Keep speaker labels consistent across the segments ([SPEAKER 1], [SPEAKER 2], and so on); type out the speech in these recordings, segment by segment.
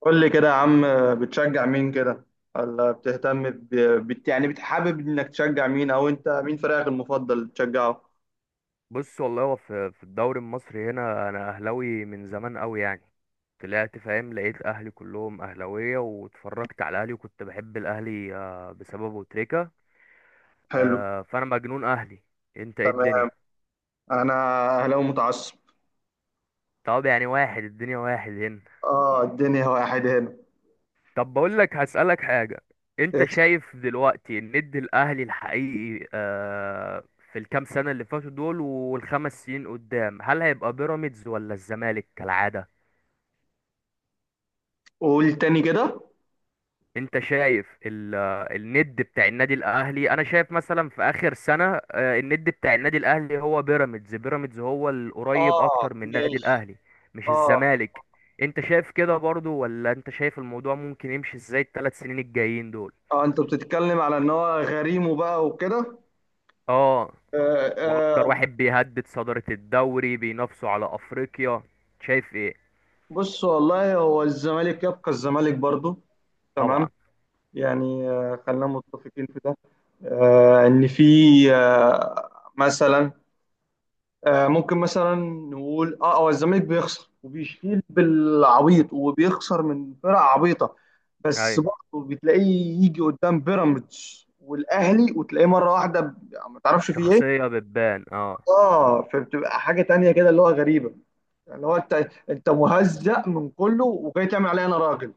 [SPEAKER 1] قول لي كده يا عم، بتشجع مين كده، ولا بتهتم ب... يعني بتحابب انك تشجع مين او انت مين فريقك المفضل تشجعه.
[SPEAKER 2] بص، والله هو في الدوري المصري هنا، انا اهلاوي من زمان قوي يعني. طلعت فاهم لقيت اهلي كلهم اهلاويه، واتفرجت على اهلي، وكنت بحب الاهلي بسببه تريكا.
[SPEAKER 1] حلو.
[SPEAKER 2] فانا مجنون اهلي. انت ايه
[SPEAKER 1] تمام.
[SPEAKER 2] الدنيا؟
[SPEAKER 1] انا اهلاوي متعصب.
[SPEAKER 2] طب يعني واحد، الدنيا واحد هنا.
[SPEAKER 1] اه الدنيا واحد هنا.
[SPEAKER 2] طب بقول لك، هسألك حاجه. انت
[SPEAKER 1] اسف.
[SPEAKER 2] شايف دلوقتي الند الاهلي الحقيقي في الكام سنه اللي فاتوا دول، والخمس سنين قدام، هل هيبقى بيراميدز ولا الزمالك كالعاده؟
[SPEAKER 1] قول تاني كده.
[SPEAKER 2] انت شايف الند بتاع النادي الاهلي، انا شايف مثلا في اخر سنة، الند بتاع النادي الاهلي هو بيراميدز. بيراميدز هو القريب
[SPEAKER 1] اه
[SPEAKER 2] اكتر من النادي
[SPEAKER 1] ماشي.
[SPEAKER 2] الاهلي، مش
[SPEAKER 1] اه
[SPEAKER 2] الزمالك. انت شايف كده برضو؟ ولا انت شايف الموضوع ممكن يمشي ازاي الثلاث سنين الجايين دول؟
[SPEAKER 1] اه انت بتتكلم على ان هو غريم وبقى وكده.
[SPEAKER 2] اه.
[SPEAKER 1] آه.
[SPEAKER 2] واكتر
[SPEAKER 1] آه،
[SPEAKER 2] واحد بيهدد صدارة الدوري بينافسوا على افريقيا. شايف ايه؟
[SPEAKER 1] بص والله هو الزمالك يبقى الزمالك برضو. تمام.
[SPEAKER 2] طبعا.
[SPEAKER 1] يعني آه خلينا متفقين في ده. آه، ان في آه، مثلا آه، ممكن مثلا نقول اه هو الزمالك بيخسر وبيشيل بالعبيط وبيخسر من فرق عبيطه. بس
[SPEAKER 2] ايوه،
[SPEAKER 1] برضه بتلاقيه يجي قدام بيراميدز والاهلي وتلاقيه مره واحده يعني ما تعرفش فيه ايه.
[SPEAKER 2] شخصية بتبان اه.
[SPEAKER 1] اه فبتبقى حاجه تانية كده اللي هو غريبه، اللي هو انت مهزأ من كله وجاي تعمل عليا انا راجل.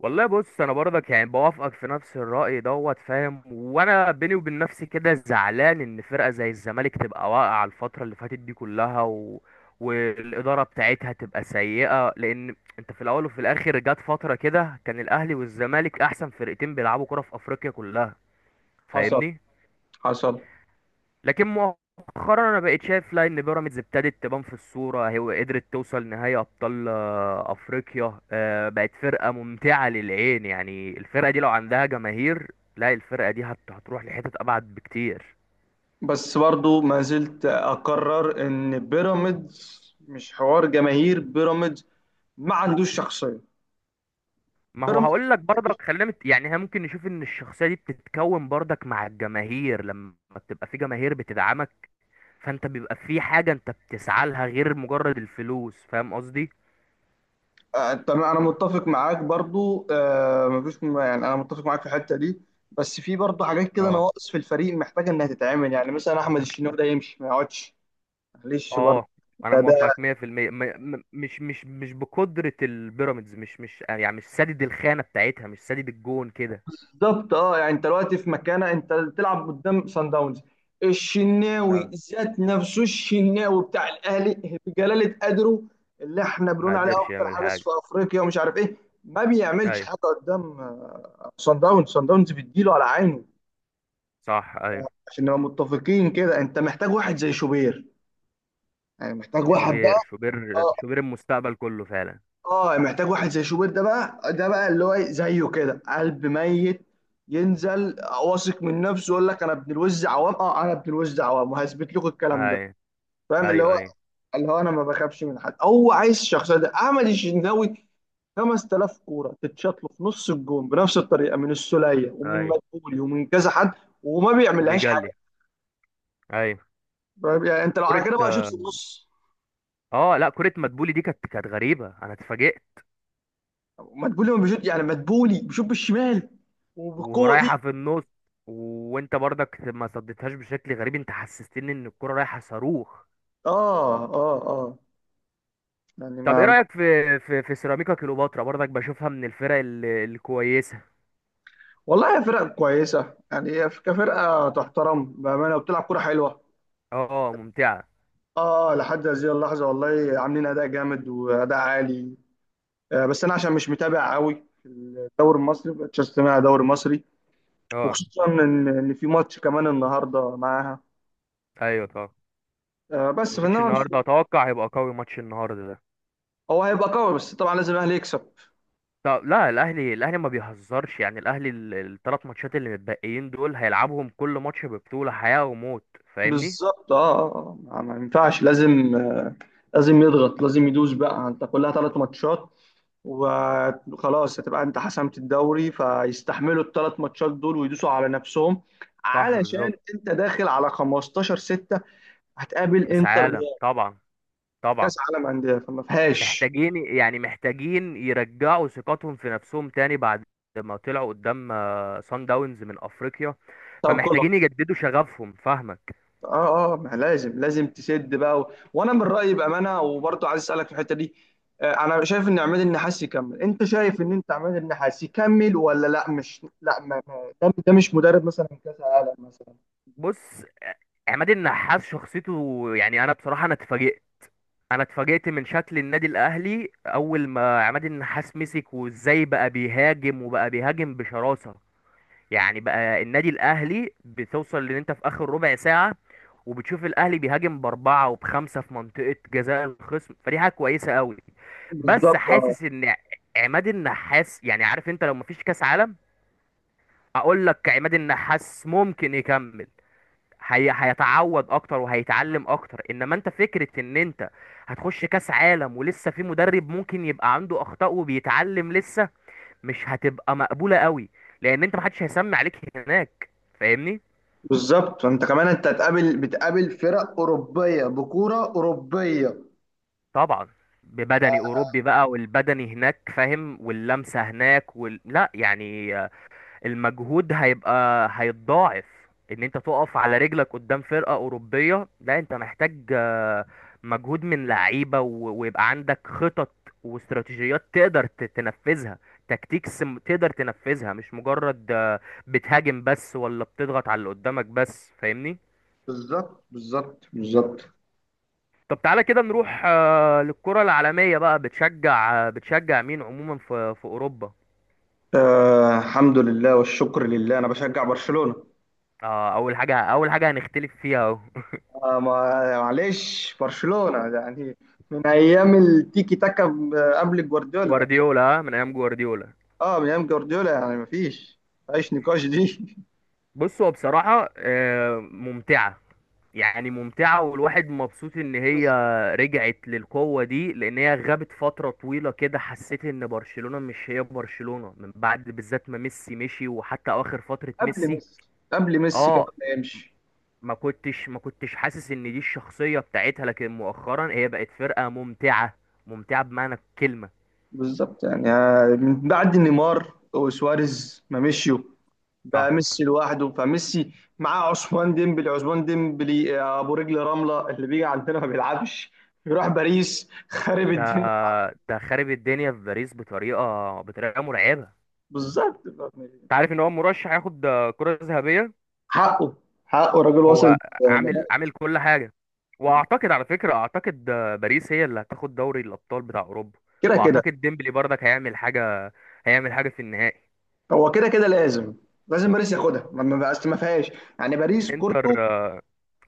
[SPEAKER 2] والله بص، انا برضك يعني بوافقك في نفس الرأي دوت فاهم، وانا بيني وبين نفسي كده زعلان ان فرقة زي الزمالك تبقى واقعة الفترة اللي فاتت دي كلها والإدارة بتاعتها تبقى سيئة، لان انت في الاول وفي الاخر جت فترة كده كان الاهلي والزمالك احسن فرقتين بيلعبوا كرة في افريقيا كلها.
[SPEAKER 1] حصل.
[SPEAKER 2] فاهمني؟
[SPEAKER 1] حصل.
[SPEAKER 2] لكن مؤخرا انا بقيت شايف، لا، ان بيراميدز ابتدت تبان في الصوره. هي قدرت توصل نهائي ابطال افريقيا. بقت فرقه ممتعه للعين، يعني الفرقه دي لو عندها جماهير، لا الفرقه دي هتروح لحتت ابعد بكتير.
[SPEAKER 1] بس برضو ما زلت اقرر ان بيراميدز مش حوار جماهير. بيراميدز ما عندوش شخصيه.
[SPEAKER 2] ما هو
[SPEAKER 1] بيراميدز
[SPEAKER 2] هقول لك برضك، خلينا يعني احنا ممكن نشوف ان الشخصيه دي بتتكون برضك مع الجماهير، لما بتبقى في جماهير بتدعمك. فانت بيبقى في حاجه انت بتسعى لها غير مجرد الفلوس، فاهم قصدي؟
[SPEAKER 1] آه، تمام انا متفق معاك برضو. آه مفيش يعني انا متفق معاك في الحته دي. بس في برضو حاجات كده
[SPEAKER 2] اه،
[SPEAKER 1] نواقص في الفريق محتاجه انها تتعمل، يعني مثلا احمد الشناوي ده يمشي ما يقعدش. معلش برضو.
[SPEAKER 2] اه، انا
[SPEAKER 1] ده.
[SPEAKER 2] موافقك 100%. مش بقدرة البيراميدز، مش يعني مش سادد الخانة بتاعتها، مش سادد الجون كده.
[SPEAKER 1] بالظبط اه، يعني انت دلوقتي في مكانه انت تلعب قدام سان داونز. الشناوي
[SPEAKER 2] آه.
[SPEAKER 1] ذات نفسه، الشناوي بتاع الاهلي بجلاله قدره، اللي احنا
[SPEAKER 2] ما
[SPEAKER 1] بنقول عليه
[SPEAKER 2] قدرش
[SPEAKER 1] افضل
[SPEAKER 2] يعمل
[SPEAKER 1] حارس
[SPEAKER 2] حاجة.
[SPEAKER 1] في افريقيا ومش عارف ايه، ما بيعملش
[SPEAKER 2] ايوه،
[SPEAKER 1] حاجه قدام آه، سان داونز. سان داونز بيديله على عينه.
[SPEAKER 2] صح، ايوه.
[SPEAKER 1] عشان نبقى متفقين كده، انت محتاج واحد زي شوبير. يعني محتاج واحد
[SPEAKER 2] شوبير،
[SPEAKER 1] بقى
[SPEAKER 2] شوبير،
[SPEAKER 1] آه،
[SPEAKER 2] شوبير المستقبل كله فعلا.
[SPEAKER 1] اه محتاج واحد زي شوبير ده بقى، ده بقى اللي هو إيه، زيه كده قلب ميت. ينزل واثق من نفسه، يقول لك انا ابن الوز عوام، اه انا ابن الوز عوام وهثبت لكم الكلام ده.
[SPEAKER 2] ايوه،
[SPEAKER 1] فاهم اللي
[SPEAKER 2] ايوه،
[SPEAKER 1] هو
[SPEAKER 2] ايوه،
[SPEAKER 1] اللي هو انا ما بخافش من حد. هو عايز الشخصيه ده. احمد الشناوي 5000 كوره تتشاط له في نص الجون بنفس الطريقه، من السوليه ومن
[SPEAKER 2] ايوه.
[SPEAKER 1] مدبولي ومن كذا حد، وما بيعملهاش حاجه.
[SPEAKER 2] وبيجلي. ايوه.
[SPEAKER 1] فاهم؟ يعني انت لو
[SPEAKER 2] كرة.
[SPEAKER 1] على كده بقى شوط في النص.
[SPEAKER 2] اه، لا، كرة مدبولي دي كانت غريبة، انا اتفاجئت.
[SPEAKER 1] مدبولي ما بيشوط، يعني مدبولي بيشوط بالشمال وبالقوه دي.
[SPEAKER 2] ورايحة في النص. وانت برضك ما صدتهاش بشكل غريب، انت حسستني ان الكرة رايحة صاروخ.
[SPEAKER 1] اه اه اه يعني
[SPEAKER 2] طب ايه
[SPEAKER 1] ما
[SPEAKER 2] رأيك في سيراميكا كليوباترا؟ برضك بشوفها من الفرق الكويسة.
[SPEAKER 1] والله هي فرق كويسه. يعني هي كفرقه تحترم بامانه وبتلعب كوره حلوه.
[SPEAKER 2] اه، ممتعة.
[SPEAKER 1] اه لحد هذه اللحظه والله عاملين اداء جامد واداء عالي. آه بس انا عشان مش متابع قوي في الدوري المصري، مبقتش استمع دوري مصري.
[SPEAKER 2] اه،
[SPEAKER 1] وخصوصا ان في ماتش كمان النهارده معاها.
[SPEAKER 2] ايوه، طبعا.
[SPEAKER 1] آه بس
[SPEAKER 2] ماتش
[SPEAKER 1] فانما
[SPEAKER 2] النهارده
[SPEAKER 1] مش-
[SPEAKER 2] اتوقع هيبقى قوي، ماتش النهارده ده.
[SPEAKER 1] هو هيبقى قوي، بس طبعا لازم الاهلي يكسب.
[SPEAKER 2] طب لا، الاهلي ما بيهزرش يعني، الاهلي الثلاث ماتشات اللي متبقيين دول هيلعبهم كل ماتش ببطولة حياة وموت. فاهمني؟
[SPEAKER 1] بالظبط اه، ما ما ينفعش، لازم آه لازم يضغط، لازم يدوس بقى. انت كلها ثلاث ماتشات وخلاص، هتبقى انت حسمت الدوري، فيستحملوا الثلاث ماتشات دول ويدوسوا على نفسهم.
[SPEAKER 2] صح،
[SPEAKER 1] علشان
[SPEAKER 2] بالظبط.
[SPEAKER 1] انت داخل على 15/6 هتقابل
[SPEAKER 2] كاس
[SPEAKER 1] انتر
[SPEAKER 2] عالم
[SPEAKER 1] ميامي
[SPEAKER 2] طبعا.
[SPEAKER 1] كاس
[SPEAKER 2] طبعا.
[SPEAKER 1] عالم انديه، فما فيهاش.
[SPEAKER 2] محتاجين، يعني، محتاجين يرجعوا ثقتهم في نفسهم تاني بعد ما طلعوا قدام سان داونز من افريقيا.
[SPEAKER 1] طب
[SPEAKER 2] فمحتاجين
[SPEAKER 1] كله
[SPEAKER 2] يجددوا شغفهم، فاهمك؟
[SPEAKER 1] اه اه ما لازم، لازم تسد بقى و... وانا من رايي بامانه، وبرضه عايز اسالك في الحته دي آه، انا شايف ان عماد النحاس يكمل. انت شايف ان انت عماد النحاس يكمل ولا لا؟ مش لا، ده ده مش مدرب مثلا كاس عالم مثلا.
[SPEAKER 2] بص، عماد النحاس شخصيته يعني، انا بصراحة انا اتفاجئت. انا اتفاجئت من شكل النادي الاهلي اول ما عماد النحاس مسك، وازاي بقى بيهاجم، وبقى بيهاجم بشراسة. يعني بقى النادي الاهلي بتوصل ان انت في اخر ربع ساعه، وبتشوف الاهلي بيهاجم باربعه وبخمسه في منطقه جزاء الخصم، فدي حاجه كويسه قوي. بس
[SPEAKER 1] بالظبط
[SPEAKER 2] حاسس ان عماد النحاس، يعني، عارف انت لو مفيش كاس عالم، اقول لك عماد النحاس ممكن يكمل. هي هيتعود اكتر وهيتعلم اكتر، انما انت فكره ان انت هتخش كاس عالم ولسه في مدرب ممكن يبقى عنده اخطاء وبيتعلم لسه، مش هتبقى مقبولة قوي، لان انت محدش هيسمي عليك هناك. فاهمني؟
[SPEAKER 1] بالظبط. انت كمان انت هتقابل، بتقابل فرق اوروبيه بكوره اوروبيه.
[SPEAKER 2] طبعا. ببدني اوروبي بقى، والبدني هناك فاهم، واللمسة هناك لا يعني، المجهود هيتضاعف. ان انت تقف على رجلك قدام فرقة اوروبية، لا انت محتاج مجهود من لعيبة ويبقى عندك خطط واستراتيجيات تقدر تنفذها، تكتيكس تقدر تنفذها، مش مجرد بتهاجم بس، ولا بتضغط على اللي قدامك بس. فاهمني؟
[SPEAKER 1] بالظبط.
[SPEAKER 2] طب تعالى كده نروح للكرة العالمية بقى، بتشجع مين عموما في أوروبا؟
[SPEAKER 1] آه الحمد لله والشكر لله، انا بشجع برشلونه.
[SPEAKER 2] أول حاجة، أول حاجة هنختلف فيها أهو.
[SPEAKER 1] آه معلش برشلونه يعني، من ايام التيكي تاكا قبل جوارديولا.
[SPEAKER 2] جوارديولا. من أيام جوارديولا.
[SPEAKER 1] اه من ايام جوارديولا، يعني مفيش نقاش دي.
[SPEAKER 2] بص، هو بصراحة ممتعة. يعني ممتعة، والواحد مبسوط إن هي
[SPEAKER 1] بس.
[SPEAKER 2] رجعت للقوة دي، لأن هي غابت فترة طويلة كده، حسيت إن برشلونة مش هي برشلونة، من بعد بالذات ما ميسي مشي، وحتى أواخر فترة
[SPEAKER 1] قبل
[SPEAKER 2] ميسي.
[SPEAKER 1] ميسي قبل ميسي كمان
[SPEAKER 2] اه.
[SPEAKER 1] ما يمشي.
[SPEAKER 2] ما كنتش حاسس ان دي الشخصية بتاعتها، لكن مؤخرا هي بقت فرقة ممتعة، ممتعة بمعنى الكلمة.
[SPEAKER 1] بالظبط، يعني آه، من بعد نيمار وسواريز ما مشيوا، بقى
[SPEAKER 2] صح.
[SPEAKER 1] ميسي لوحده. فميسي معاه عثمان ديمبلي آه، ابو رجل رمله اللي بيجي عندنا ما بيلعبش. بيروح باريس خارب
[SPEAKER 2] ده
[SPEAKER 1] الدنيا.
[SPEAKER 2] ده خارب الدنيا في باريس بطريقة مرعبة.
[SPEAKER 1] بالظبط.
[SPEAKER 2] انت عارف ان هو مرشح ياخد كرة ذهبية؟
[SPEAKER 1] حقه. حقه الراجل، وصل
[SPEAKER 2] هو عامل
[SPEAKER 1] نهائي.
[SPEAKER 2] عامل كل حاجة. واعتقد، على فكرة، اعتقد باريس هي اللي هتاخد دوري الابطال بتاع اوروبا.
[SPEAKER 1] كده كده.
[SPEAKER 2] واعتقد ديمبلي برضك هيعمل حاجة، هيعمل حاجة في النهائي.
[SPEAKER 1] هو كده كده لازم. لازم باريس ياخدها، ما ما بقاش، ما فيهاش. يعني باريس كورته
[SPEAKER 2] انتر.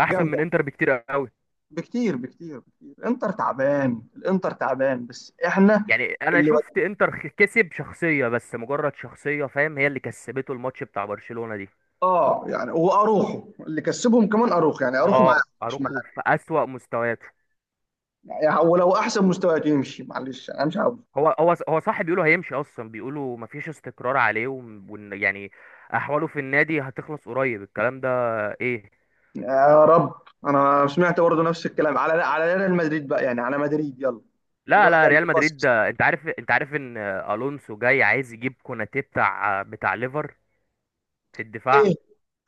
[SPEAKER 2] احسن من
[SPEAKER 1] جامده
[SPEAKER 2] انتر بكتير قوي.
[SPEAKER 1] بكتير بكتير بكتير. انتر تعبان، الانتر تعبان بس احنا
[SPEAKER 2] يعني انا
[SPEAKER 1] اللي
[SPEAKER 2] شفت انتر كسب شخصية، بس مجرد شخصية، فاهم؟ هي اللي كسبته الماتش بتاع برشلونة دي.
[SPEAKER 1] اه يعني هو اروخو اللي كسبهم. كمان اروخو، يعني اروخو معاه.
[SPEAKER 2] اه،
[SPEAKER 1] مش معاه
[SPEAKER 2] اروخو في اسوأ مستوياته.
[SPEAKER 1] يعني، ولو احسن مستويات يمشي معلش انا مش عاوز.
[SPEAKER 2] هو صح، بيقولوا هيمشي اصلا، بيقولوا مفيش استقرار عليه، وان يعني احواله في النادي هتخلص قريب، الكلام ده. ايه؟
[SPEAKER 1] يا رب. انا سمعت برضه نفس الكلام على ريال مدريد بقى، يعني على مدريد يلا
[SPEAKER 2] لا،
[SPEAKER 1] يروح
[SPEAKER 2] لا،
[SPEAKER 1] جنب
[SPEAKER 2] ريال مدريد
[SPEAKER 1] قصص.
[SPEAKER 2] ده انت عارف ان الونسو جاي عايز يجيب كوناتي بتاع ليفر في الدفاع.
[SPEAKER 1] ايه؟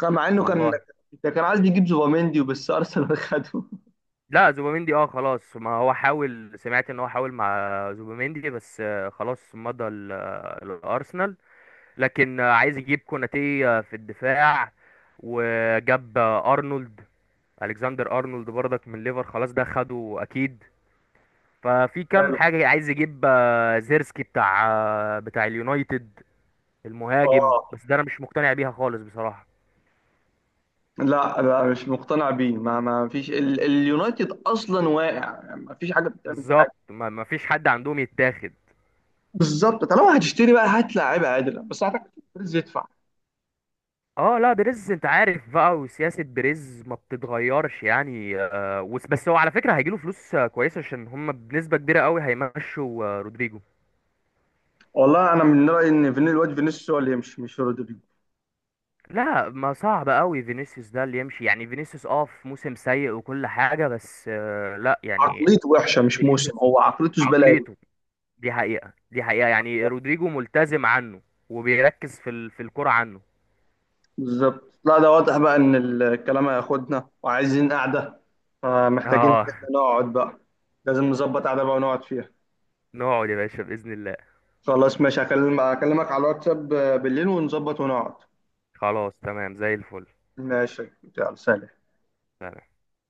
[SPEAKER 1] كان مع انه كان.
[SPEAKER 2] والله.
[SPEAKER 1] ده كان عايز يجيب زوباميندي وبس، ارسنال خده.
[SPEAKER 2] لا، زوبيميندي خلاص، ما هو حاول، سمعت ان هو حاول مع زوبيميندي، بس خلاص مضى الارسنال. لكن عايز يجيب كوناتي في الدفاع. وجاب ارنولد، الكسندر ارنولد برضك من ليفر، خلاص، ده خده اكيد. ففي كام
[SPEAKER 1] حلو.
[SPEAKER 2] حاجه، عايز يجيب زيرسكي بتاع اليونايتد، المهاجم،
[SPEAKER 1] اه
[SPEAKER 2] بس ده انا مش مقتنع بيها خالص بصراحه.
[SPEAKER 1] لا لا، مش مقتنع بيه. ما ما فيش اليونايتد اصلا واقع، يعني ما فيش حاجه بتعمل فيها حاجه.
[SPEAKER 2] بالظبط، ما فيش حد عندهم يتاخد.
[SPEAKER 1] بالظبط. طالما هتشتري بقى، هات لعيبه عادله، بس هتحتاج يدفع.
[SPEAKER 2] اه، لا، بريز انت عارف بقى، وسياسة بريز ما بتتغيرش يعني بس هو على فكرة هيجيله فلوس كويسة، عشان هم بنسبة كبيرة قوي هيمشوا رودريجو.
[SPEAKER 1] والله انا من رايي ان فيني، الواد فينيسيوس هو اللي يمشي مش رودريجو.
[SPEAKER 2] لا، ما صعب قوي فينيسيوس ده اللي يمشي، يعني فينيسيوس في موسم سيء وكل حاجة، بس لا يعني.
[SPEAKER 1] عقليته وحشه، مش موسم،
[SPEAKER 2] فينيسيوس.
[SPEAKER 1] هو عقليته زباله قوي.
[SPEAKER 2] عقليته. دي حقيقة، دي حقيقة، يعني رودريجو ملتزم عنه، وبيركز في الكرة عنه.
[SPEAKER 1] بالظبط. لا ده واضح بقى ان الكلام هياخدنا، وعايزين قعده. فمحتاجين ان
[SPEAKER 2] اه.
[SPEAKER 1] احنا نقعد بقى، لازم نظبط قعده بقى ونقعد فيها.
[SPEAKER 2] نقعد يا باشا، بإذن الله.
[SPEAKER 1] خلاص ماشي، هكلمك على الواتساب بالليل ونظبط ونقعد.
[SPEAKER 2] خلاص، تمام، زي الفل.
[SPEAKER 1] ماشي. يلا سلام.